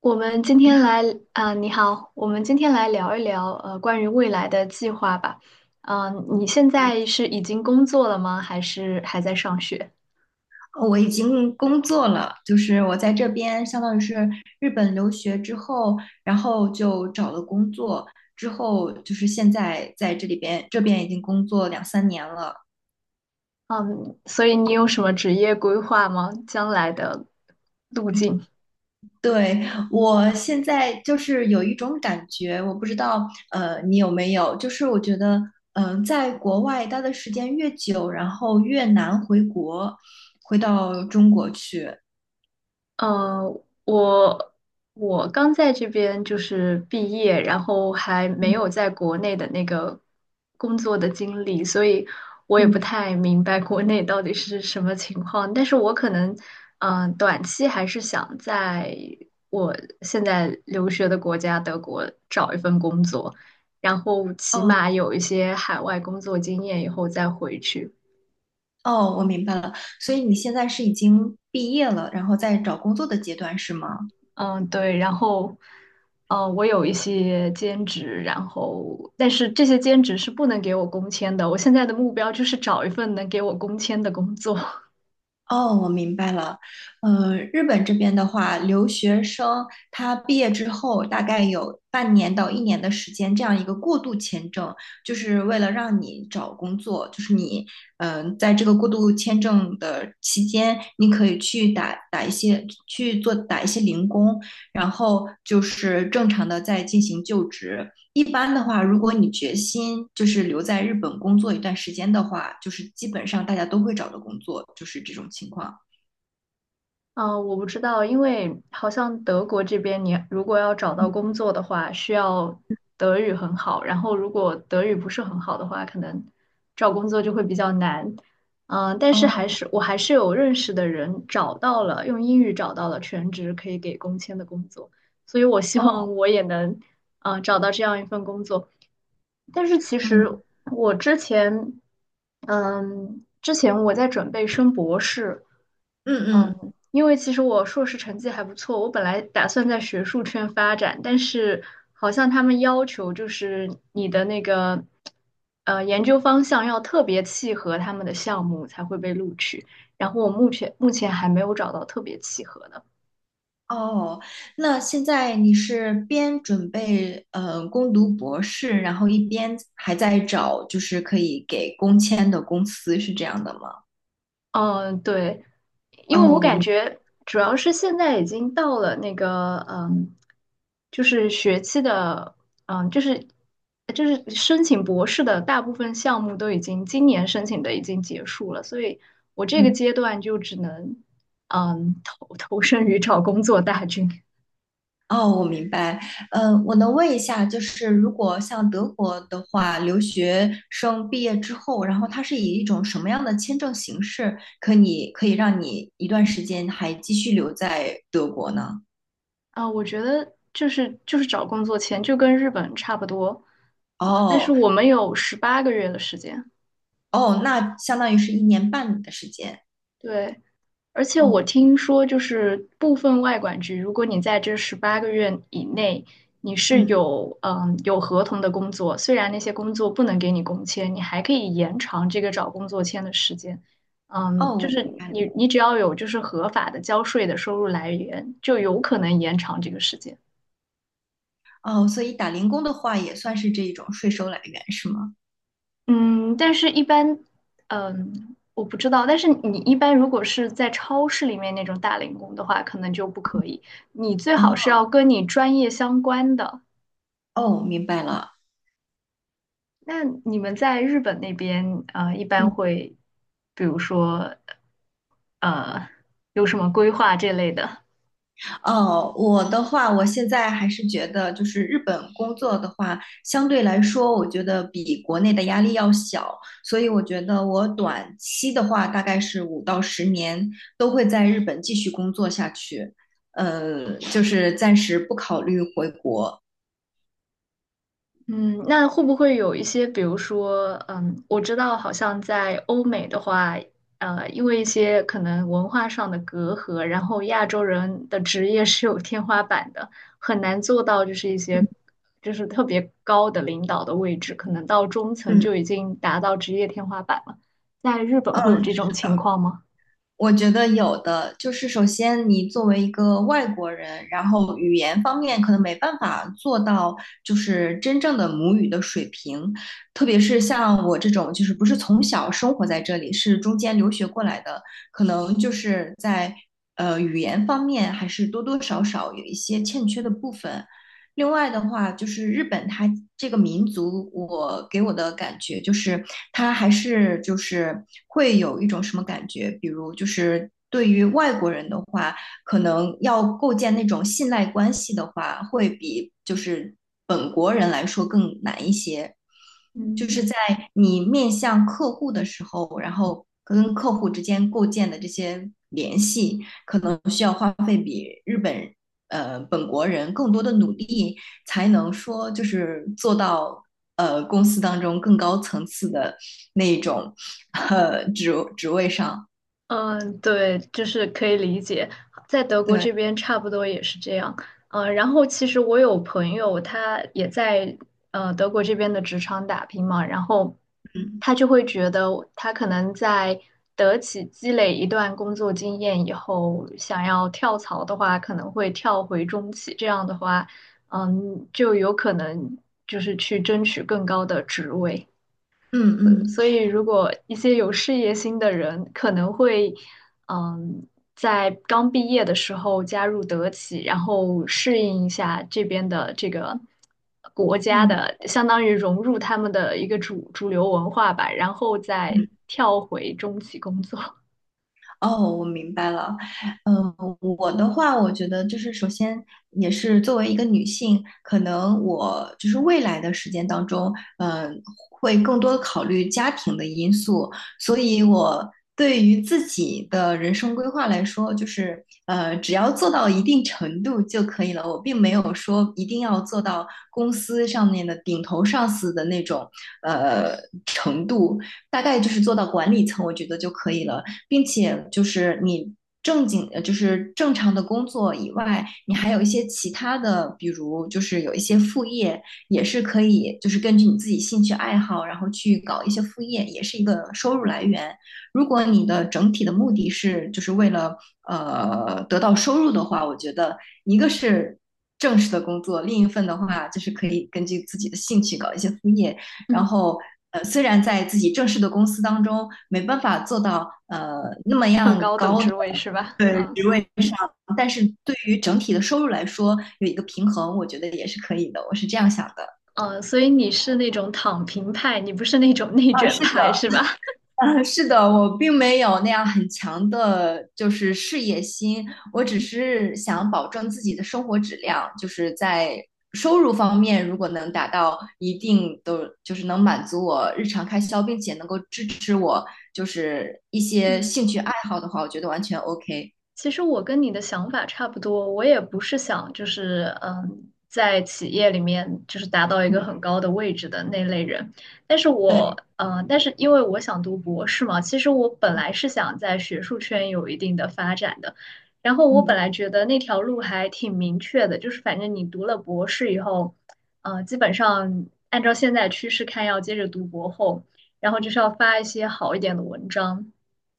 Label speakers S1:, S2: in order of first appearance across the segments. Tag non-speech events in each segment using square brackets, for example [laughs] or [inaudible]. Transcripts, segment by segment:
S1: 我们今
S2: 你
S1: 天
S2: 好，
S1: 来啊，你好，我们今天来聊一聊关于未来的计划吧。嗯，你现
S2: 呃
S1: 在是已经工作了吗？还是还在上学？
S2: 我已经工作了。就是我在这边相当于是日本留学之后，然后就找了工作，之后就是现在在这里边这边已经工作两三年了。
S1: 嗯，所以你有什么职业规划吗？将来的路
S2: 嗯
S1: 径？
S2: 对，我现在就是有一种感觉，我不知道你有没有，就是我觉得在国外待的时间越久，然后越难回国，回到中国去。
S1: 呃，我我刚在这边就是毕业，然后还没有
S2: 嗯
S1: 在国内的那个工作的经历，所以我也不
S2: 嗯。
S1: 太明白国内到底是什么情况。但是我可能，嗯、短期还是想在我现在留学的国家德国找一份工作，然后起
S2: 哦。
S1: 码有一些海外工作经验以后再回去。
S2: 哦，我明白了。所以你现在是已经毕业了，然后在找工作的阶段是吗？
S1: 嗯，对，然后，我有一些兼职，然后，但是这些兼职是不能给我工签的。我现在的目标就是找一份能给我工签的工作。
S2: 哦，我明白了。日本这边的话，留学生他毕业之后大概有半年到一年的时间，这样一个过渡签证，就是为了让你找工作，就是你，在这个过渡签证的期间，你可以去打一些零工，然后就是正常的在进行就职。一般的话，如果你决心就是留在日本工作一段时间的话，就是基本上大家都会找到工作，就是这种情况。
S1: 嗯，我不知道，因为好像德国这边，你如果要找到
S2: 嗯，
S1: 工作的话，需要德语很好，然后如果德语不是很好的话，可能找工作就会比较难。嗯，但是还
S2: 哦
S1: 是我还是有认识的人找到了，用英语找到了全职可以给工签的工作，所以我希
S2: 哦，
S1: 望我也能，嗯，找到这样一份工作。但是其实
S2: 嗯
S1: 我之前，嗯，之前我在准备升博士。
S2: 嗯嗯。
S1: 嗯。因为其实我硕士成绩还不错，我本来打算在学术圈发展，但是好像他们要求就是你的那个研究方向要特别契合他们的项目才会被录取，然后我目前还没有找到特别契合的。
S2: 哦，那现在你是边准备攻读博士，然后一边还在找就是可以给工签的公司，是这样的吗？
S1: 嗯，对，
S2: 哦，
S1: 因为我感觉主要是现在已经到了那个，嗯，就是学期的，嗯，就是申请博士的大部分项目都已经今年申请的已经结束了，所以我这个
S2: 嗯
S1: 阶段就只能，嗯，投身于找工作大军。
S2: 哦，我明白。呃，我能问一下，就是如果像德国的话，留学生毕业之后，然后他是以一种什么样的签证形式，可以让你一段时间还继续留在德国呢？
S1: 啊，我觉得就是找工作前就跟日本差不多，啊，但是
S2: 哦
S1: 我们有十八个月的时间，
S2: 哦，那相当于是一年半的时间。
S1: 对。而且
S2: 哦，
S1: 我听说，就是部分外管局，如果你在这十八个月以内，你是
S2: 嗯，
S1: 有有合同的工作，虽然那些工作不能给你工签，你还可以延长这个找工作签的时间。嗯，
S2: 哦，
S1: 就
S2: 我
S1: 是
S2: 明白了。
S1: 你只要有就是合法的交税的收入来源，就有可能延长这个时间。
S2: 哦，所以打零工的话，也算是这一种税收来源，是吗？
S1: 嗯，但是一般，嗯，我不知道。但是你一般如果是在超市里面那种打零工的话，可能就不可以。你最好是
S2: 哦
S1: 要跟你专业相关的。
S2: 哦，明白了。
S1: 那你们在日本那边，呃，一般
S2: 嗯。
S1: 会，比如说，呃，有什么规划这类的？
S2: 哦，我的话，我现在还是觉得，就是日本工作的话，相对来说，我觉得比国内的压力要小，所以我觉得我短期的话，大概是5到10年都会在日本继续工作下去。就是暂时不考虑回国。
S1: 嗯，那会不会有一些，比如说，嗯，我知道好像在欧美的话，因为一些可能文化上的隔阂，然后亚洲人的职业是有天花板的，很难做到就是一
S2: 嗯
S1: 些就是特别高的领导的位置，可能到中层
S2: 嗯，
S1: 就已经达到职业天花板了。在日本会有
S2: 嗯。
S1: 这种情况吗？
S2: 我觉得有的，就是首先你作为一个外国人，然后语言方面可能没办法做到就是真正的母语的水平，特别是像我这种就是不是从小生活在这里，是中间留学过来的，可能就是在语言方面还是多多少少有一些欠缺的部分。另外的话，就是日本它这个民族，我给我的感觉就是它还是就是会有一种什么感觉，比如就是对于外国人的话，可能要构建那种信赖关系的话，会比就是本国人来说更难一些。就是
S1: 嗯。
S2: 在你面向客户的时候，然后跟客户之间构建的这些联系，可能需要花费比日本本国人更多的努力，才能说就是做到公司当中更高层次的那一种职位上。
S1: 嗯，对，就是可以理解，在德国
S2: 对，
S1: 这边差不多也是这样。呃，然后其实我有朋友，他也在德国这边的职场打拼嘛，然后
S2: 嗯
S1: 他就会觉得他可能在德企积累一段工作经验以后，想要跳槽的话，可能会跳回中企，这样的话，嗯，就有可能就是去争取更高的职位。
S2: 嗯
S1: 所
S2: 嗯
S1: 所以，如果一些有事业心的人，可能会，嗯，在刚毕业的时候加入德企，然后适应一下这边的这个国家
S2: 嗯
S1: 的，相当于融入他们的一个主流文化吧，然后再
S2: 嗯。
S1: 跳回中企工作，
S2: 哦，我明白了。嗯，我的话，我觉得就是首先也是作为一个女性，可能我就是未来的时间当中，嗯，会更多的考虑家庭的因素，所以我对于自己的人生规划来说，就是只要做到一定程度就可以了。我并没有说一定要做到公司上面的顶头上司的那种呃程度，大概就是做到管理层，我觉得就可以了。并且就是你正经就是正常的工作以外，你还有一些其他的，比如就是有一些副业，也是可以就是根据你自己兴趣爱好，然后去搞一些副业，也是一个收入来源。如果你的整体的目的是就是为了得到收入的话，我觉得一个是正式的工作，另一份的话就是可以根据自己的兴趣搞一些副业，
S1: [laughs]
S2: 然
S1: 嗯，
S2: 后虽然在自己正式的公司当中没办法做到那么
S1: 很
S2: 样
S1: 高等
S2: 高的
S1: 职位是吧？嗯
S2: 职位上，但是对于整体的收入来说有一个平衡，我觉得也是可以的。我是这样想的。
S1: 嗯，所以你是那种躺平派，你不是那种内
S2: 啊，
S1: 卷
S2: 是的，
S1: 派是吧？
S2: [laughs] 啊，是的，我并没有那样很强的，就是事业心，我只是想保证自己的生活质量，就是在收入方面，如果能达到一定的，就是能满足我日常开销，并且能够支持我就是一
S1: [laughs]
S2: 些
S1: 嗯。
S2: 兴趣爱好的话，我觉得完全 OK。
S1: 其实我跟你的想法差不多，我也不是想就是嗯，在企业里面就是达到一个
S2: 嗯，
S1: 很高的位置的那类人，但是
S2: 对，
S1: 但是因为我想读博士嘛，其实我本来是想在学术圈有一定的发展的，然后我本
S2: 嗯
S1: 来觉得那条路还挺明确的，就是反正你读了博士以后，基本上按照现在趋势看，要接着读博后，然后就是要发一些好一点的文章。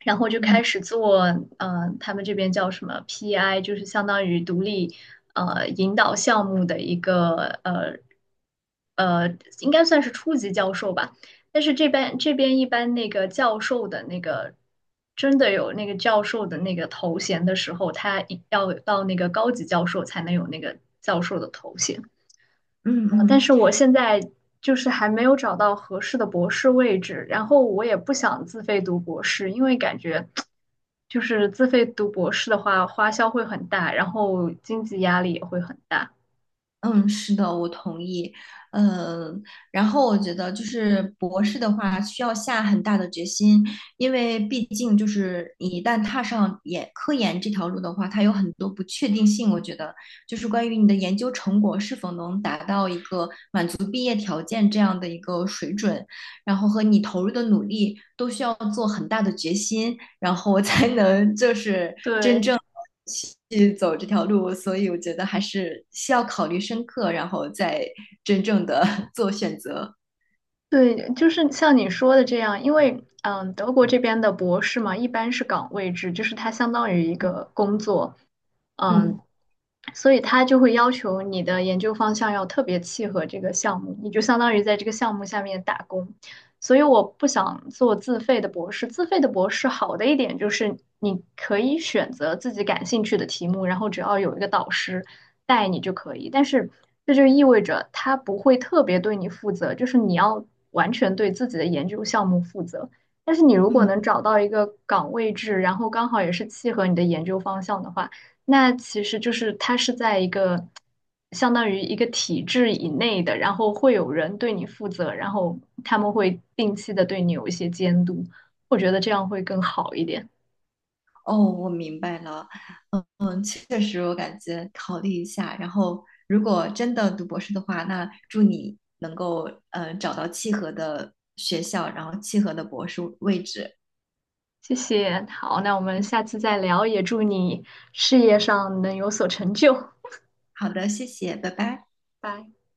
S1: 然后就
S2: 嗯
S1: 开始做，他们这边叫什么 PI，就是相当于独立引导项目的一个呃，应该算是初级教授吧。但是这边一般那个教授的那个真的有那个教授的那个头衔的时候，他一要到那个高级教授才能有那个教授的头衔。
S2: 嗯
S1: 但
S2: 嗯。
S1: 是我现在就是还没有找到合适的博士位置，然后我也不想自费读博士，因为感觉就是自费读博士的话，花销会很大，然后经济压力也会很大。
S2: 嗯，是的，我同意。呃，然后我觉得就是博士的话，需要下很大的决心，因为毕竟就是你一旦踏上科研这条路的话，它有很多不确定性。我觉得就是关于你的研究成果是否能达到一个满足毕业条件这样的一个水准，然后和你投入的努力都需要做很大的决心。然后我才能就是真
S1: 对
S2: 正去走这条路。所以我觉得还是需要考虑深刻，然后再真正的 [laughs] 做选择。
S1: 对，就是像你说的这样，因为嗯，德国这边的博士嘛，一般是岗位制，就是它相当于一个工作，嗯。
S2: 嗯
S1: 所以它就会要求你的研究方向要特别契合这个项目，你就相当于在这个项目下面打工。所以我不想做自费的博士。自费的博士好的一点就是你可以选择自己感兴趣的题目，然后只要有一个导师带你就可以。但是这就意味着他不会特别对你负责，就是你要完全对自己的研究项目负责。但是你如果
S2: 嗯，
S1: 能找到一个岗位制，然后刚好也是契合你的研究方向的话，那其实就是它是在一个相当于一个体制以内的，然后会有人对你负责，然后他们会定期的对你有一些监督，我觉得这样会更好一点。
S2: 哦，我明白了。嗯，确实，我感觉考虑一下。然后，如果真的读博士的话，那祝你能够找到契合的学校，然后契合的博士位置。
S1: 谢谢，好，那我们下次再聊，也祝你事业上能有所成就，
S2: 好的，谢谢，拜拜。
S1: 拜。